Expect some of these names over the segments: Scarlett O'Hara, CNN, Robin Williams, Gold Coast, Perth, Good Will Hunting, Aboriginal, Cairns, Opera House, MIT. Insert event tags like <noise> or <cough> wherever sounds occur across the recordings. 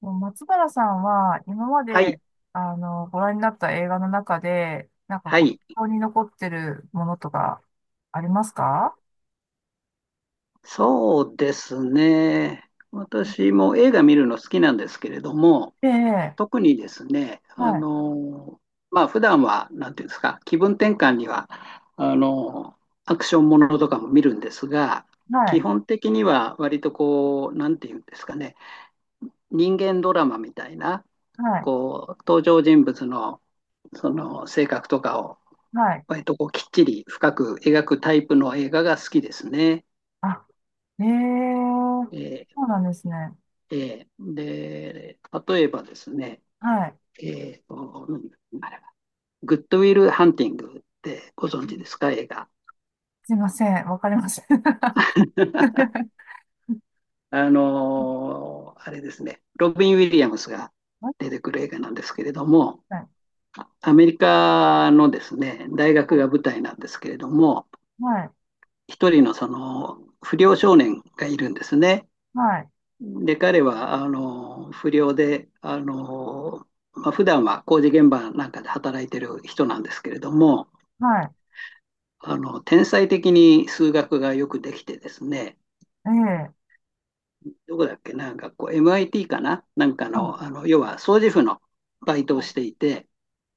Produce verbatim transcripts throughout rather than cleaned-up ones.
もう松原さんは今まはで、い、あのご覧になった映画の中で、なんかはこう、印い、象に残ってるものとかありますか？そうですね。私も映画見るの好きなんですけれども、ええ、特にですね、はあい、の、まあ、普段は、なんていうんですか、気分転換には、あの、アクションものとかも見るんですが、は基い、本的には割とこう、なんていうんですかね、人間ドラマみたいな、はい、こう、登場人物の、その性格とかを、はい。割とこう、きっちり深く描くタイプの映画が好きですね。あ、ええ、えーそうなんですね。えーで、例えばですね、はい。えーと、何あれは、グッドウィル・ハンティングってご存うん。知ですか、映画。すいません、わかりません。<laughs> は <laughs> あのーあれですね、ロビン・ウィリアムスがい、出てくる映画なんですけれども、はい、アメリカのですね、大学が舞台なんですけれども、はい、一人のその不良少年がいるんですね。はい、で、彼は、あの、不良で、あの、まあ、普段は工事現場なんかで働いてる人なんですけれども、はあの、天才的に数学がよくできてですね、い、ええ、どこだっけな、学校、エムアイティー かななんかの、はあの、要は掃除婦のバイトをしい、ていて、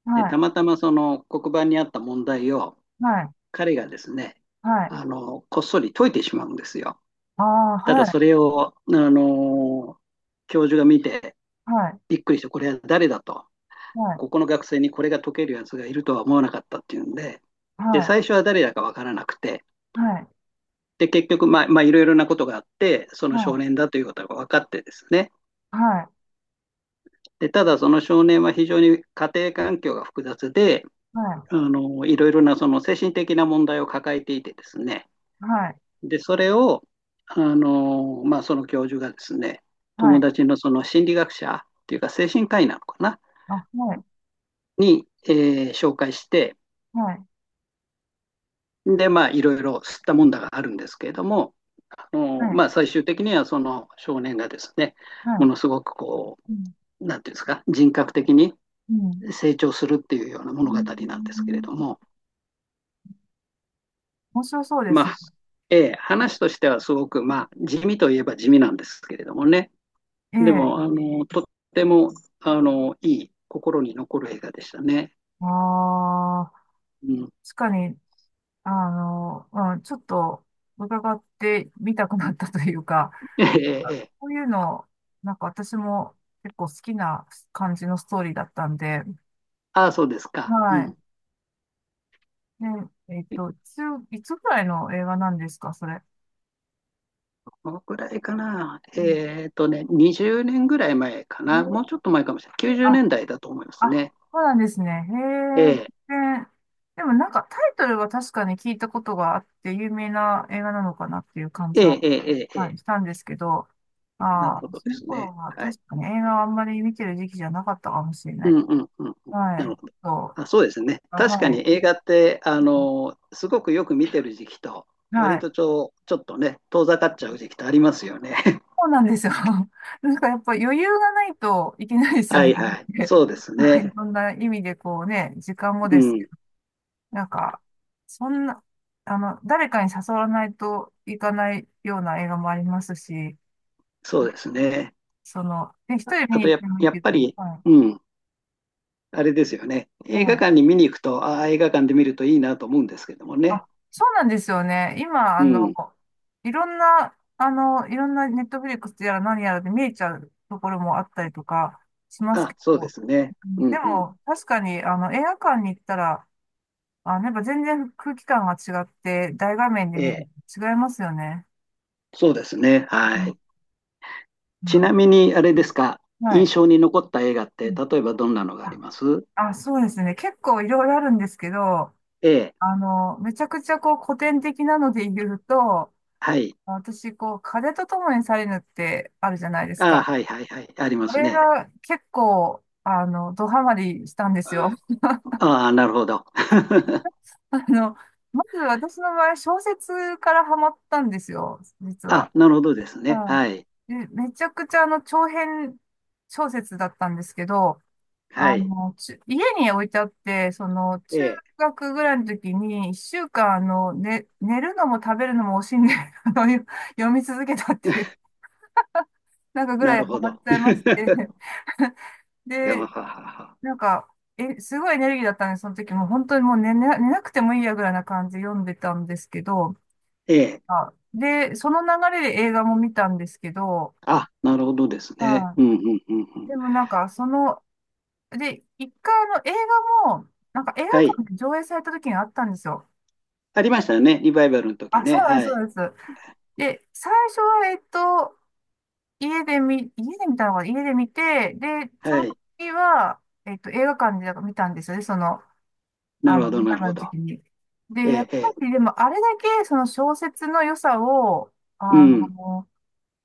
はで、たい、またまその黒板にあった問題を、はい、彼がですね、はい、あの、こっそり解いてしまうんですよ。ああ、たはだい、それを、あの、教授が見て、はい、びっくりして、これは誰だと。はい、ここの学生にこれが解けるやつがいるとは思わなかったっていうんで、はで、最初い、は誰だかわからなくて、はい、で、結局、まあ、まあ、いろいろなことがあって、そはの少年い、だということが分かってですね。はい、で、ただその少年は非常に家庭環境が複雑で、はい、あの、いろいろなその精神的な問題を抱えていてですね。はい、で、それを、あの、まあ、その教授がですね、は友い、達のその心理学者っていうか精神科医なのかな、あ、はい、に、えー紹介して、はい、で、まあ、いろいろ吸ったもんだがあるんですけれども、あはのい、まあ、最終的にはその少年がですね、はもい、のすごくこうん、う、なんていうんですか、人格的にうん、成長するっていうようなう物語ん。なんですけれども、面白そうでますね。あ、えー話としてはすごく、まあ、地味といえば地味なんですけれどもね、えでえ、も、あのとってもあのいい、心に残る映画でしたね。ああ、うん、確かに、あの、うん、ちょっと伺ってみたくなったというか、ええええ、こういうの、なんか私も結構好きな感じのストーリーだったんで、ああ、そうですか。うはい。ん、で、えっと、いつ、いつぐらいの映画なんですか、それ。どのくらいかな。うん。えっとね、にじゅうねんぐらい前かな。もうえちょっと前かもしれない。ー90年あ代だいだと思いますあ、ね。そうなんですね。ええへえ、で、でもなんかタイトルは確かに聞いたことがあって有名な映画なのかなっていう感えじは、ええええはえ、い、したんですけど、なるああ、ほどそでのす頃ね。ははい。確かに映画はあんまり見てる時期じゃなかったかもしれなうい。んうんうんうん。はなるい。ほど。そう。あ、そうですね。あ、確かはに映い。画って、あの、すごくよく見てる時期と、は割い。とちょ、ちょっとね、遠ざかっちゃう時期とありますよね。そうなんですよ。<laughs> なんかやっぱ余裕がないといけないで <laughs> すよはいね。はい。<laughs> そうですなんかいね。ろんな意味でこうね、時間もうです、ん。なんか、そんな、あの、誰かに誘わないといかないような映画もありますし、そうですね。その、ね、一あ人見あにと行っや、てもいいやっけど、ぱり、はうん。あれですよね。い、映は画い。館に見に行くと、ああ、映画館で見るといいなと思うんですけどもね。あ、そうなんですよね。今、あうの、ん。いろんな、あの、いろんなネットフリックスやら何やらで見えちゃうところもあったりとかしますあ、けそうど、ですね。うん、うでんうん。も、確かに、あの、映画館に行ったら、あ、やっぱ全然空気感が違って、大画面でえ見るえ、と違いますよね。そうですね。うはん、い。ちはい。なみに、あれうですか、ん。は印い。象に残った映画って、例えばどんなのがありあ、ます。あ、そうですね。結構いろいろあるんですけど、ええ、あの、めちゃくちゃこう古典的なので言うと、はい。私、こう、風と共に去れぬってあるじゃないですああ、か。はいはいはい。ありまあすれね。が結構、あの、ドハマりしたんですよ。<laughs> ああ、なるほど。<laughs> あの、まず私の場合、小説からハマったんですよ、実あ、は。なるほどですね。ははい。い。で、めちゃくちゃあの、長編小説だったんですけど、はあい。の、ち、家に置いてあって、その、中ええ、学ぐらいの時に、いっしゅうかん、あの、ね、寝るのも食べるのも惜しんで、あの、よ、 <laughs> 読み続けたっていう、なんかぐならいるハほマっど。ちゃいまして。<laughs> <laughs> やはで、ははは、なんか、え、すごいエネルギーだったんで、その時もう本当にもうね、寝な、寝なくてもいいやぐらいな感じで読んでたんですけど、ええ、あ、で、その流れで映画も見たんですけど、あ、なるほどですね。う、うんうんうんうん。でもなんか、その、で、いっかいあの映画も、なんか映画はい。館で上映された時があったんですよ。ありましたよね。リバイバルの時あ、そね。うなんです、はそうい。なんです。で、最初は、えっと、家で見、家で見たのかな、家で見て、で、そはのい。時は、えっと、映画館で見たんですよね、その、なあるの、ほど、見なたるほのど。時に。で、えやっえ、えぱえ。り、でも、あれだけ、その小説の良さを、うあん。の、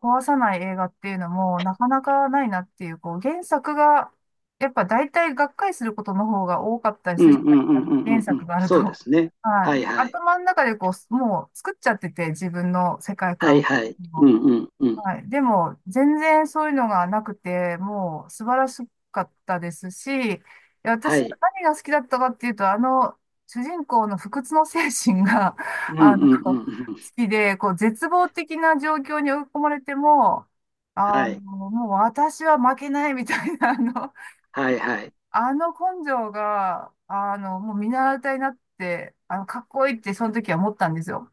壊さない映画っていうのもなかなかないなっていう、こう、原作が、やっぱ大体がっかりすることの方が多かったりうするん、うじん、ゃうん、うないでん、すうか。原ん。う作ん、があると。そうですね。<laughs> ははい。い、で、はい。頭の中でこう、もう作っちゃってて、自分の世界はい、観を。はい。うん、うん、うん。はい。でも、全然そういうのがなくて、もう素晴らしかったですし、は私、い。何が好きだったかっていうと、あの、主人公の不屈の精神が、う <laughs> ん、あうの、ん、う好ん。うん、きで、こう、絶望的な状況に追い込まれても、あの、はい。もう私は負けないみたいな、あの、はい、はい。あの根性が、あの、もう見習いたいなって、あの、かっこいいってその時は思ったんですよ。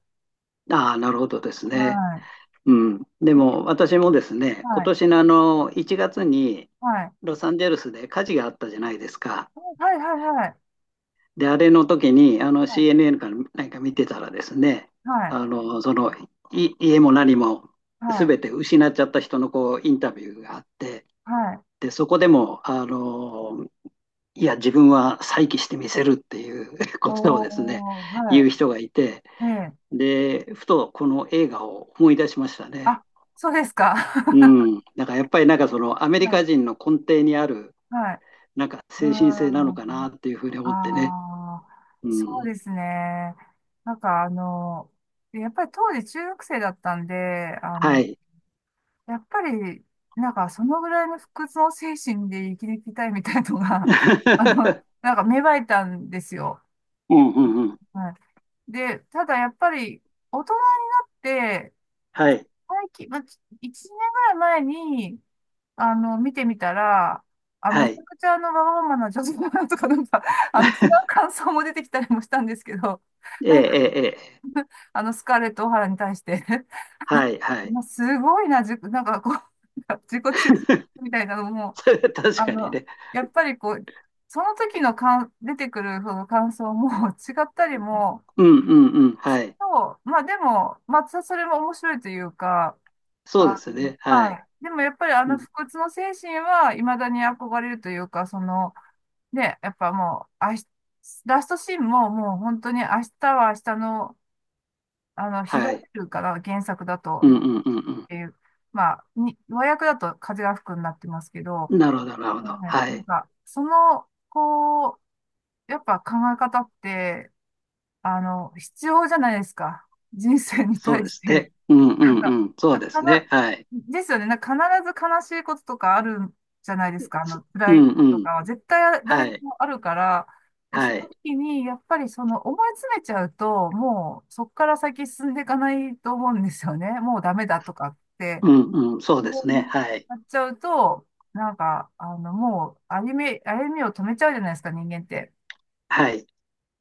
ああ、なるほどですはね。い。うん。でも、私もですね、今はい。年のあの、いちがつにはい。ロサンゼルスで火事があったじゃないですか。はい。はい。はい。はい。で、あれの時に、あの は シーエヌエヌ かなんか見てたらですね、い。はい、あの、その、い家も何もはい。全て失っちゃった人のこうインタビューがあって、はい。で、そこでも、あの、いや、自分は再起してみせるっていう <laughs> ことをですね、おー、は言い。う人がいて、ええ。で、ふとこの映画を思い出しましたね。あ、そうですか。うん。だからやっぱりなんかそのアメ <laughs> リカは人の根底にある、い。はい。なんかうー精神性なのかなん。っていうふうに思ってね。ああ、うそうん。ですね。なんかあの、やっぱり当時中学生だったんで、あはの、い。やっぱり、なんかそのぐらいの不屈の精神で生きていきたいみたいなのが、<laughs> あの、<laughs> なんか芽生えたんですよ。うんうんうん。はい。で、ただやっぱり大人になって、はい、最近、まあ、いちねんぐらい前に、あの、見てみたら、あ、めはちい。ゃくちゃあの、わがままな女性だなとか、なんか、<laughs> あの、違う感想も出てきたりもしたんですけど、<laughs> ええ、なえんか、え、ええ、あの、スカーレット・オハラに対して はい、は <laughs> い。まあ、すごいな、じゅ、なんかこう、<laughs> なんか自己中心 <laughs> みたいなのも、それは確あかにの、ね。やっぱりこう、その時の感出てくるその感想も <laughs> 違ったりも、うんうんうん。ですはけい。ど、まあでも、まあ、それも面白いというか、そうであすね。の、ははい。い。でもやっぱりあうのん、不屈の精神は未だに憧れるというか、その、で、やっぱもう、あし、ラストシーンももう本当に明日は明日の、あの、日がはい。出るから、原作だと、うん日っうんうんていう、まあ、に、和訳だと風が吹くになってますけど、うん。なるほど、なるほうん、ど。なはんい。か、その、こう、やっぱ考え方って、あの、必要じゃないですか。人生にそう対でしすて。ね。うんうなんんか、うん。そうでかすな、ね。はい。ですよね。なんか必ず悲しいこととかあるじゃないですか。あの、う辛いんこうととん。かは絶対誰はでい。もあるから、で、そはのい。時に、やっぱりその思い詰めちゃうと、もうそこから先進んでいかないと思うんですよね。もうダメだとかって、うんうん。そうでもすうね。はい。なっちゃうと、なんか、あの、もう歩み、歩みを止めちゃうじゃないですか、人間って。はい。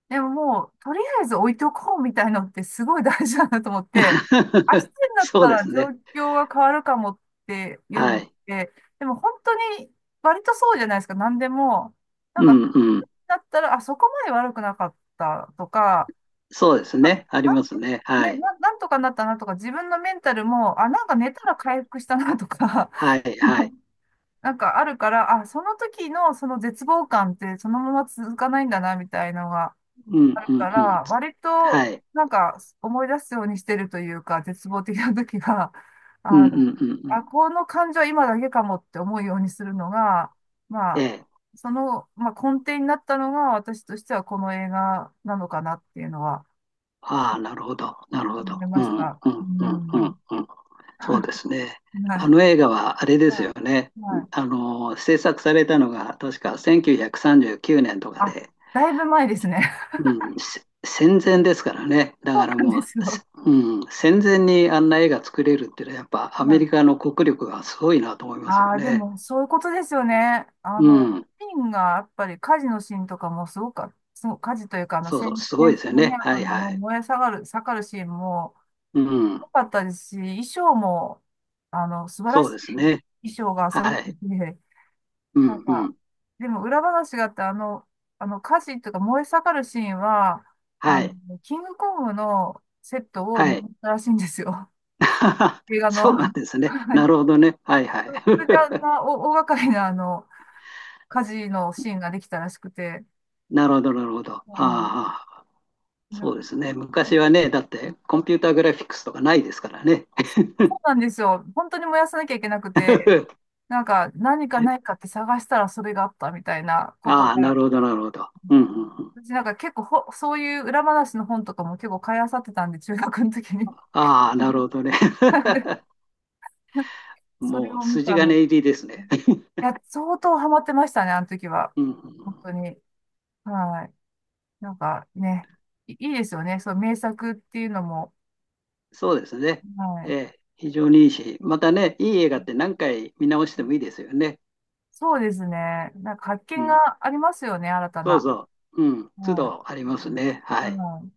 でももう、とりあえず置いておこうみたいのってすごい大事だなと思って、明日 <laughs> になっそうたでらす状ね。況が変わるかもっていうのはっい。て、でも本当に割とそうじゃないですか、何でも。なんうか、んうん。だったら、あ、そこまで悪くなかったとか、そうですあ、なん、ね。ありますね。はね、い。な、なんとかなったなとか、自分のメンタルも、あ、なんか寝たら回復したなとか、はい。はい。<laughs> なんかあるから、あ、その時のその絶望感ってそのまま続かないんだな、みたいのが。うんあるうんうかん。ら、割はとい。なんか思い出すようにしてるというか、絶望的な時が、<laughs> うんあうんうの、んうあ、ん。この感情は今だけかもって思うようにするのが、まえあ、え。その、まあ、根底になったのが私としてはこの映画なのかなっていうのはああ、なるほど、なるほ思ど。いまうしん、うん、た。ううん、うん。ん、うん。そうです <laughs> ね。はあい。の映画はあれですよはね。い。はい。あの、制作されたのが確かせんきゅうひゃくさんじゅうきゅうねんとかあ、で、だいぶ前ですね。うん、せ戦前ですからね。<laughs> だそうからなんもでう、すせよ。うん、戦前にあんな映画作れるっていうのはやっぱアはメい。リカの国力がすごいなと思いますよああ、でね。も、そういうことですよね。あうの、ん。ピンが、やっぱり火事のシーンとかもすごく、すごく火事というか、あの、そうそう、戦、すごいで戦す争よのね、ね。あはといのあはのい。燃え下がる、下がるシーンもうん。良かったですし、衣装も、あの、素晴らそうしですいね。衣装が揃っはい。てて、うなんんうか、ん。でも裏話があって、あの、あの、火事とか燃え下がるシーンは、あはの、い。キングコングのセットをはい。持ったらしいんですよ。<laughs> 映画の。そう <laughs> なんですね。はない。るほどね。はいはい。それであん <laughs> な大大掛かりな、あの、火事のシーンができたらしくて、なるほど、なるほど。あはあ、い。なんそか、うですね。昔はね、だってコンピューターグラフィックスとかないですからね。そうなんですよ。本当に燃やさなきゃいけなくて、<laughs> なんか何かないかって探したらそれがあったみたいなことああ、なが、るほど、なるほど。うんうんうん。私なんか結構ほ、そういう裏話の本とかも結構買い漁ってたんで、中学の時に。ああ、なるほどね。<laughs> な <laughs> んでそれもうを見筋た金の。入りですね。<laughs> いや、相当ハマってましたね、あの時は。うんうん、本当に。はい。なんかね、いいいですよね。そう、名作っていうのも。そうですね。はえい。え、非常にいいし、またね、いい映画って何回見直してもいいですよね。そうですね。なんか発う見ん、がありますよね、新たそうな。そう。うん、都はい。度ありますね。うはい。ん。